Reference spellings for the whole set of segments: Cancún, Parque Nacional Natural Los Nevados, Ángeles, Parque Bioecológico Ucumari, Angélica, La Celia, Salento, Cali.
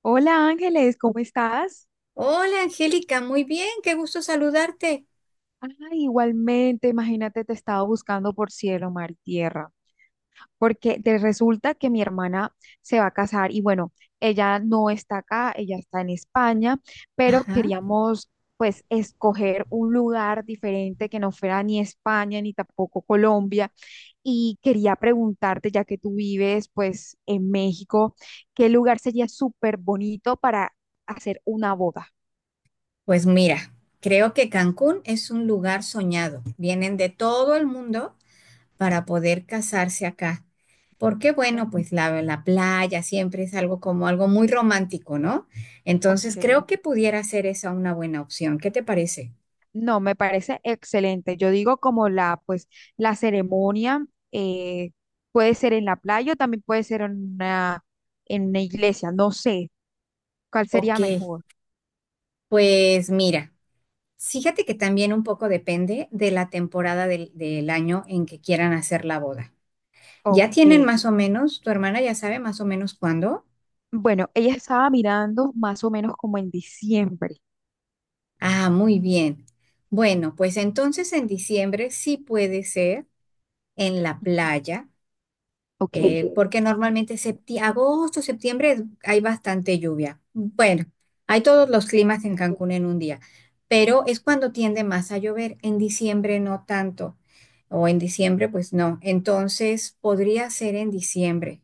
Hola Ángeles, ¿cómo estás? Hola Angélica, muy bien, qué gusto saludarte. Ah, igualmente, imagínate, te estaba buscando por cielo, mar y tierra, porque te resulta que mi hermana se va a casar y bueno, ella no está acá, ella está en España, pero Ajá. queríamos pues escoger un lugar diferente que no fuera ni España ni tampoco Colombia y quería preguntarte, ya que tú vives pues en México, ¿qué lugar sería súper bonito para hacer una boda? Pues mira, creo que Cancún es un lugar soñado. Vienen de todo el mundo para poder casarse acá. Porque Eh, bueno, pues la playa siempre es algo como algo muy romántico, ¿no? Ok. Entonces creo que pudiera ser esa una buena opción. ¿Qué te parece? No, me parece excelente. Yo digo como la, pues, la ceremonia eh, puede ser en la playa o también puede ser en una iglesia. No sé cuál Ok, sería mejor. pues mira, fíjate que también un poco depende de la temporada del año en que quieran hacer la boda. ¿Ya Ok. tienen más o menos? ¿Tu hermana ya sabe más o menos cuándo? Bueno, ella estaba mirando más o menos como en diciembre. Ah, muy bien. Bueno, pues entonces en diciembre sí puede ser en la playa, Ok. Ok. Porque normalmente agosto, hay bastante lluvia. Bueno, hay todos los climas Ok. en Cancún en un día, pero es cuando tiende más a llover. En diciembre no tanto, o en diciembre pues no. Entonces podría ser en diciembre.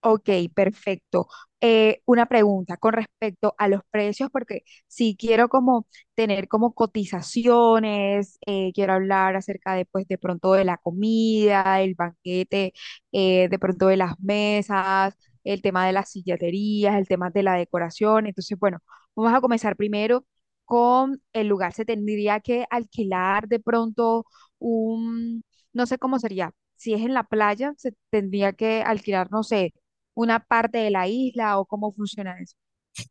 Ok, perfecto. Una pregunta con respecto a los precios, porque si quiero como tener como cotizaciones, quiero hablar acerca de pues de pronto de la comida, el banquete, de pronto de las mesas, el tema de las silleterías, el tema de la decoración. Entonces, bueno, vamos a comenzar primero con el lugar. Se tendría que alquilar de pronto un, no sé cómo sería. Si es en la playa, se tendría que alquilar, no sé una parte de la isla o cómo funciona eso.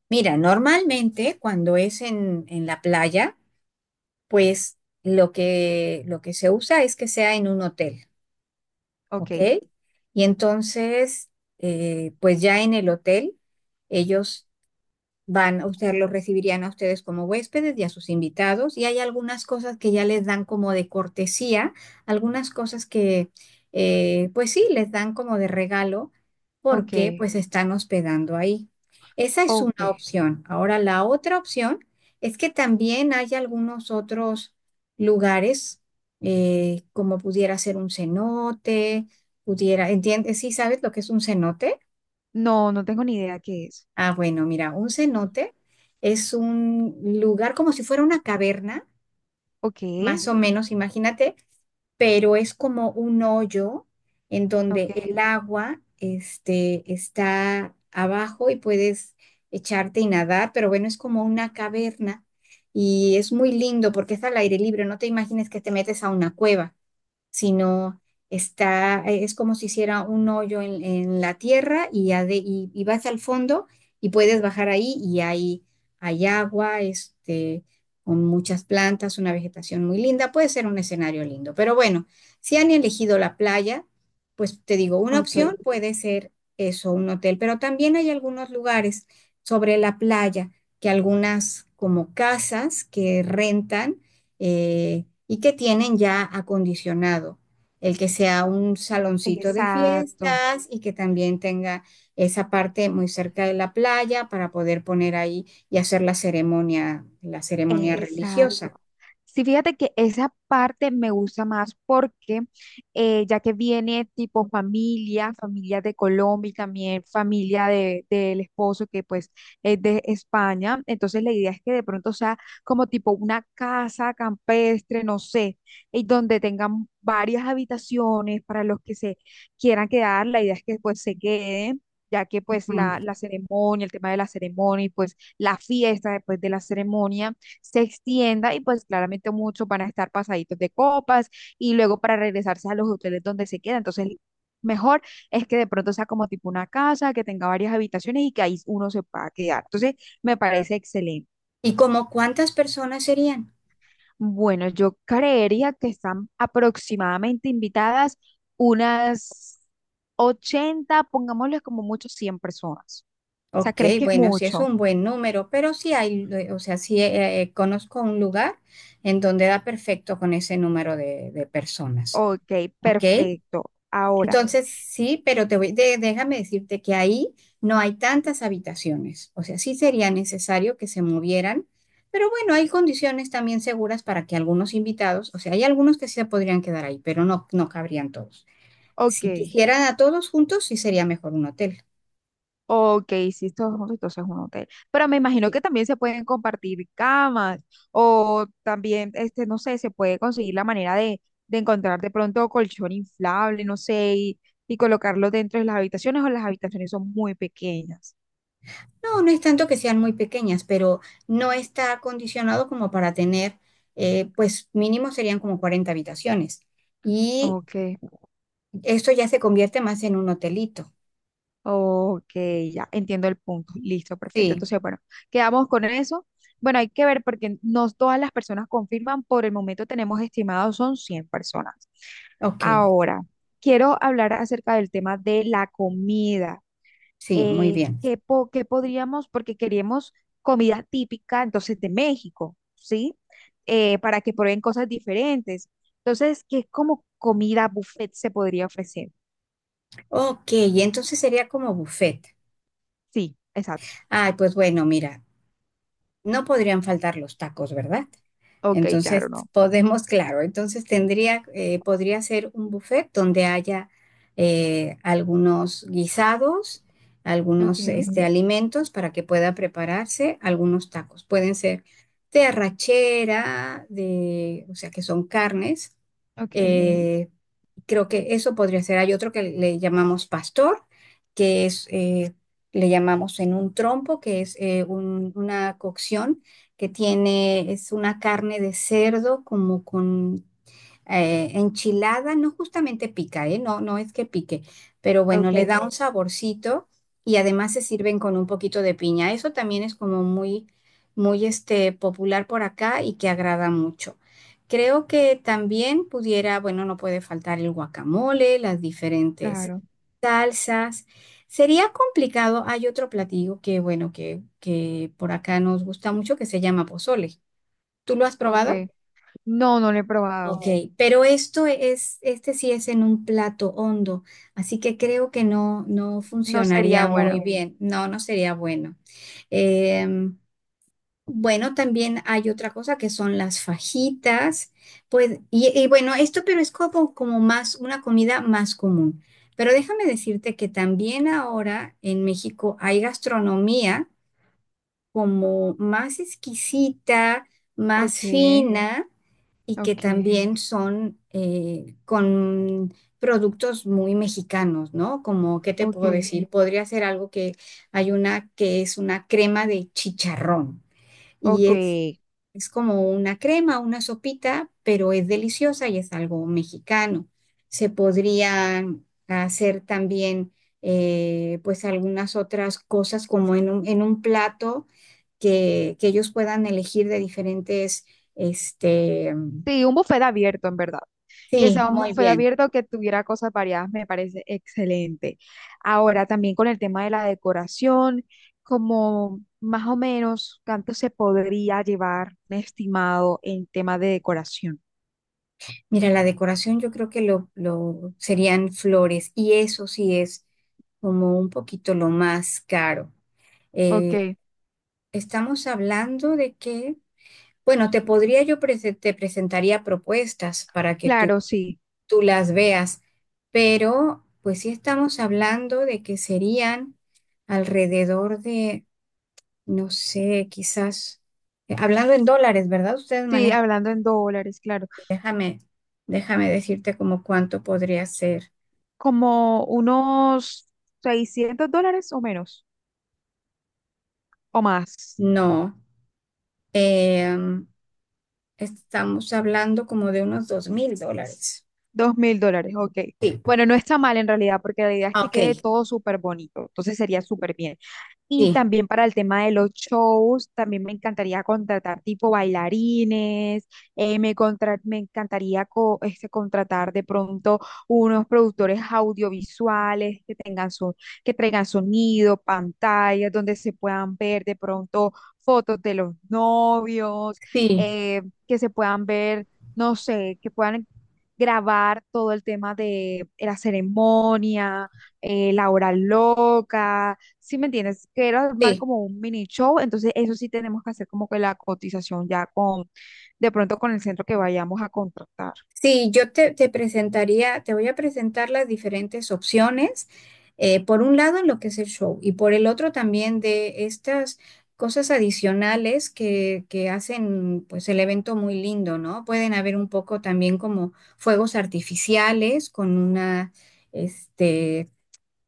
Mira, normalmente cuando es en la playa, pues lo que se usa es que sea en un hotel, Ok, ¿ok? Y entonces, pues ya en el hotel, ellos van a usted, los recibirían a ustedes como huéspedes y a sus invitados, y hay algunas cosas que ya les dan como de cortesía, algunas cosas que, pues sí, les dan como de regalo ok, porque pues están hospedando ahí. Esa es ok. una opción. Ahora, la otra opción es que también hay algunos otros lugares, como pudiera ser un cenote, pudiera, ¿entiendes? ¿Sí sabes lo que es un cenote? No, no tengo ni idea qué es. Ah, bueno, mira, un cenote es un lugar como si fuera una caverna, Ok, más o menos, imagínate, pero es como un hoyo en donde el ok, agua, este, está abajo y puedes echarte y nadar, pero bueno, es como una caverna y es muy lindo porque está al aire libre, no te imagines que te metes a una cueva sino está, es como si hiciera un hoyo en la tierra y, y vas al fondo y puedes bajar ahí y hay agua, este, con muchas plantas, una vegetación muy linda, puede ser un escenario lindo. Pero bueno, si han elegido la playa, pues te digo, una ok. opción puede ser eso, un hotel, pero también hay algunos lugares sobre la playa que algunas como casas que rentan, y que tienen ya acondicionado. El que sea un saloncito de Exacto. fiestas y que también tenga esa parte muy cerca de la playa para poder poner ahí y hacer la ceremonia Exacto. religiosa. Sí, fíjate que esa parte me gusta más porque ya que viene tipo familia, familia de Colombia y también familia de, del esposo que pues es de España, entonces la idea es que de pronto sea como tipo una casa campestre, no sé, y donde tengan varias habitaciones para los que se quieran quedar, la idea es que pues se queden. Ya que pues Ujú. la ceremonia, el tema de la ceremonia y pues la fiesta después de la ceremonia se extienda y pues claramente muchos van a estar pasaditos de copas y luego para regresarse a los hoteles donde se queda. Entonces, mejor es que de pronto sea como tipo una casa, que tenga varias habitaciones y que ahí uno se pueda quedar. Entonces, me parece excelente. ¿Y como cuántas personas serían? Bueno, yo creería que están aproximadamente invitadas unas 80, pongámosle como mucho 100 personas. O sea, Ok, ¿crees que es bueno, sí es mucho? un buen número, pero sí hay, o sea, sí conozco un lugar en donde da perfecto con ese número de personas. Ok, Ok, perfecto. Ahora, entonces, sí, pero déjame decirte que ahí no hay tantas habitaciones. O sea, sí sería necesario que se movieran, pero bueno, hay condiciones también seguras para que algunos invitados, o sea, hay algunos que sí se podrían quedar ahí, pero no cabrían todos. ok. Si quisieran a todos juntos, sí sería mejor un hotel. Ok, sí, todos juntos, entonces es un hotel. Pero me imagino Sí. que también se pueden compartir camas o también, este, no sé, se puede conseguir la manera de encontrar de pronto colchón inflable, no sé, y colocarlo dentro de las habitaciones o las habitaciones son muy pequeñas. No, no es tanto que sean muy pequeñas, pero no está acondicionado como para tener, pues mínimo serían como 40 habitaciones. Y Ok. esto ya se convierte más en un hotelito. Ok, ya entiendo el punto. Listo, perfecto. Sí. Entonces, bueno, quedamos con eso. Bueno, hay que ver porque no todas las personas confirman. Por el momento tenemos estimados son 100 personas. Ok, Ahora, quiero hablar acerca del tema de la comida. sí, muy bien. ¿Qué, qué podríamos? Porque queremos comida típica, entonces, de México, ¿sí? Para que prueben cosas diferentes. Entonces, ¿qué como comida buffet se podría ofrecer? Ok, y entonces sería como buffet. Sí, exacto. Ay, pues bueno, mira, no podrían faltar los tacos, ¿verdad? Ok, Entonces claro, no. podemos, claro, entonces tendría, podría ser un buffet donde haya, algunos guisados, algunos Okay, este, Ujú. Alimentos para que pueda prepararse algunos tacos. Pueden ser de arrachera, de, o sea, que son carnes. Ujú. okay, Creo que eso podría ser. Hay otro que le llamamos pastor, que es, le llamamos en un trompo, que es una cocción que tiene, es una carne de cerdo como con, enchilada no justamente pica, ¿eh? No, no es que pique, pero bueno, le okay, da un Ok. saborcito y además se sirven con un poquito de piña. Eso también es como muy, muy este, popular por acá y que agrada mucho. Creo que también pudiera, bueno, no puede faltar el guacamole, las diferentes claro, salsas. Sería complicado, hay otro platillo que, bueno, que por acá nos gusta mucho que se llama pozole. ¿Tú lo has probado? okay. No, no lo he probado. Ok, pero esto es, este sí es en un plato hondo, así que creo que no No No funcionaría sería sería muy bueno. bueno. bien. No, no sería bueno. Em, bueno, también hay otra cosa que son las fajitas, pues, y bueno, esto pero es como, como más una comida más común. Pero déjame decirte que también ahora en México hay gastronomía como más exquisita, más Okay, fina y que okay, también son con productos muy mexicanos, ¿no? Como, ¿qué te puedo Ok. okay, decir? Podría ser algo que hay una que es una crema de chicharrón y ok. Es como una crema, una sopita, pero es deliciosa y es algo mexicano. Se podrían hacer también, pues, algunas otras cosas como en un plato que ellos puedan elegir de diferentes, este, Sí, un buffet abierto, en verdad. Que sí, sea un muy buffet bien. abierto que tuviera cosas variadas, me parece excelente. Ahora, también con el tema de la decoración, como más o menos cuánto se podría llevar un estimado en tema de decoración. Mira, la decoración yo creo que lo serían flores y eso sí es como un poquito lo más caro. Eh, Ok, Estamos hablando de que, bueno, te podría yo te presentaría propuestas para que tú, claro, sí. tú las veas, pero pues sí estamos hablando de que serían alrededor de No sé, quizás. Hablando en dólares, ¿verdad? Ustedes Sí, manejan. hablando en dólares, claro. Déjame, déjame decirte como cuánto podría ser. Como unos 600 dólares o menos, o más. No, em, estamos hablando como de unos $2,000. 2000 dólares, ok. Sí. Bueno, no está mal en realidad, porque la idea es Ah, que Ok, quede todo súper bonito. Entonces sería súper bien. Y sí, también para el tema de los shows, también me encantaría contratar tipo bailarines, me encantaría este, contratar de pronto unos productores audiovisuales que tengan su que traigan sonido, pantallas donde se puedan ver de pronto fotos de los novios, sí, que se puedan ver, no sé, que puedan grabar todo el tema de la ceremonia, la hora loca si me entiendes, que era armar sí. como un mini show, entonces eso sí tenemos que hacer como que la cotización ya con, de pronto con el centro que vayamos a contratar. Sí, te presentaría, te voy a presentar las diferentes opciones. Por un lado, en lo que es el show, y por el otro también de estas cosas adicionales que hacen pues el evento muy lindo, ¿no? Pueden haber un poco también como fuegos artificiales con una, este,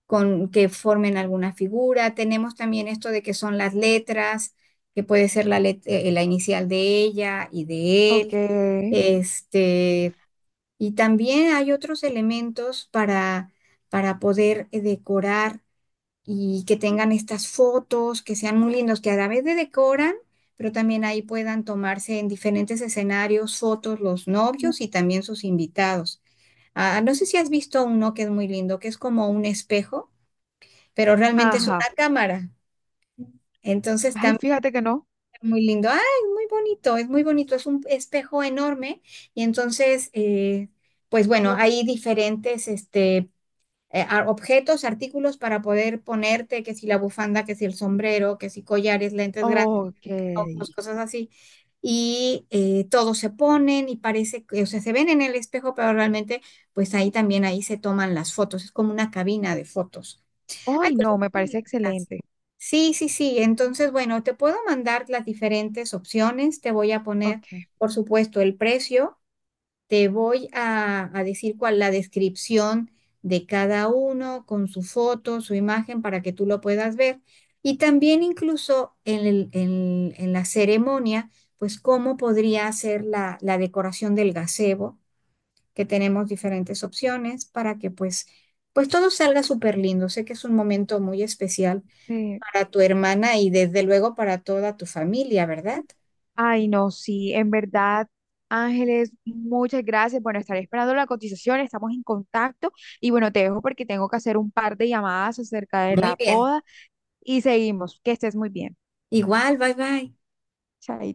con que formen alguna figura. Tenemos también esto de que son las letras, que puede ser la inicial de ella y de Ok, él. Este, y también hay otros elementos para poder, decorar y que tengan estas fotos, que sean muy lindos, que a la vez de decoran, pero también ahí puedan tomarse en diferentes escenarios fotos los novios y también sus invitados. Ah, no sé si has visto uno que es muy lindo, que es como un espejo, pero realmente es ajá. una cámara. Entonces Ay, fíjate que no. muy lindo, ay, muy bonito, es un espejo enorme y entonces, pues bueno, hay diferentes este, objetos, artículos para poder ponerte, que si la bufanda, que si el sombrero, que si collares, lentes grandes, Ok. ojos, cosas así. Y todos se ponen y parece que, o sea, se ven en el espejo, pero realmente, pues ahí también, ahí se toman las fotos, es como una cabina de fotos. Hay Ay, cosas no, me parece distintas. excelente. Sí, sí, sí. Entonces, bueno, te puedo mandar las diferentes opciones. Te voy a poner, Ok. por supuesto, el precio. Te voy a decir cuál la descripción de cada uno con su foto, su imagen, para que tú lo puedas ver. Y también incluso en la ceremonia, pues cómo podría ser la decoración del gazebo que tenemos diferentes opciones para que pues, pues todo salga súper lindo. Sé que es un momento muy especial Sí. para tu hermana y desde luego para toda tu familia, ¿verdad? Ay, no, sí, en verdad, Ángeles, muchas gracias. Bueno, estaré esperando la cotización, estamos en contacto y bueno, te dejo porque tengo que hacer un par de llamadas acerca de Muy la bien. boda y seguimos. Que estés muy bien. Igual, bye bye. Chaito.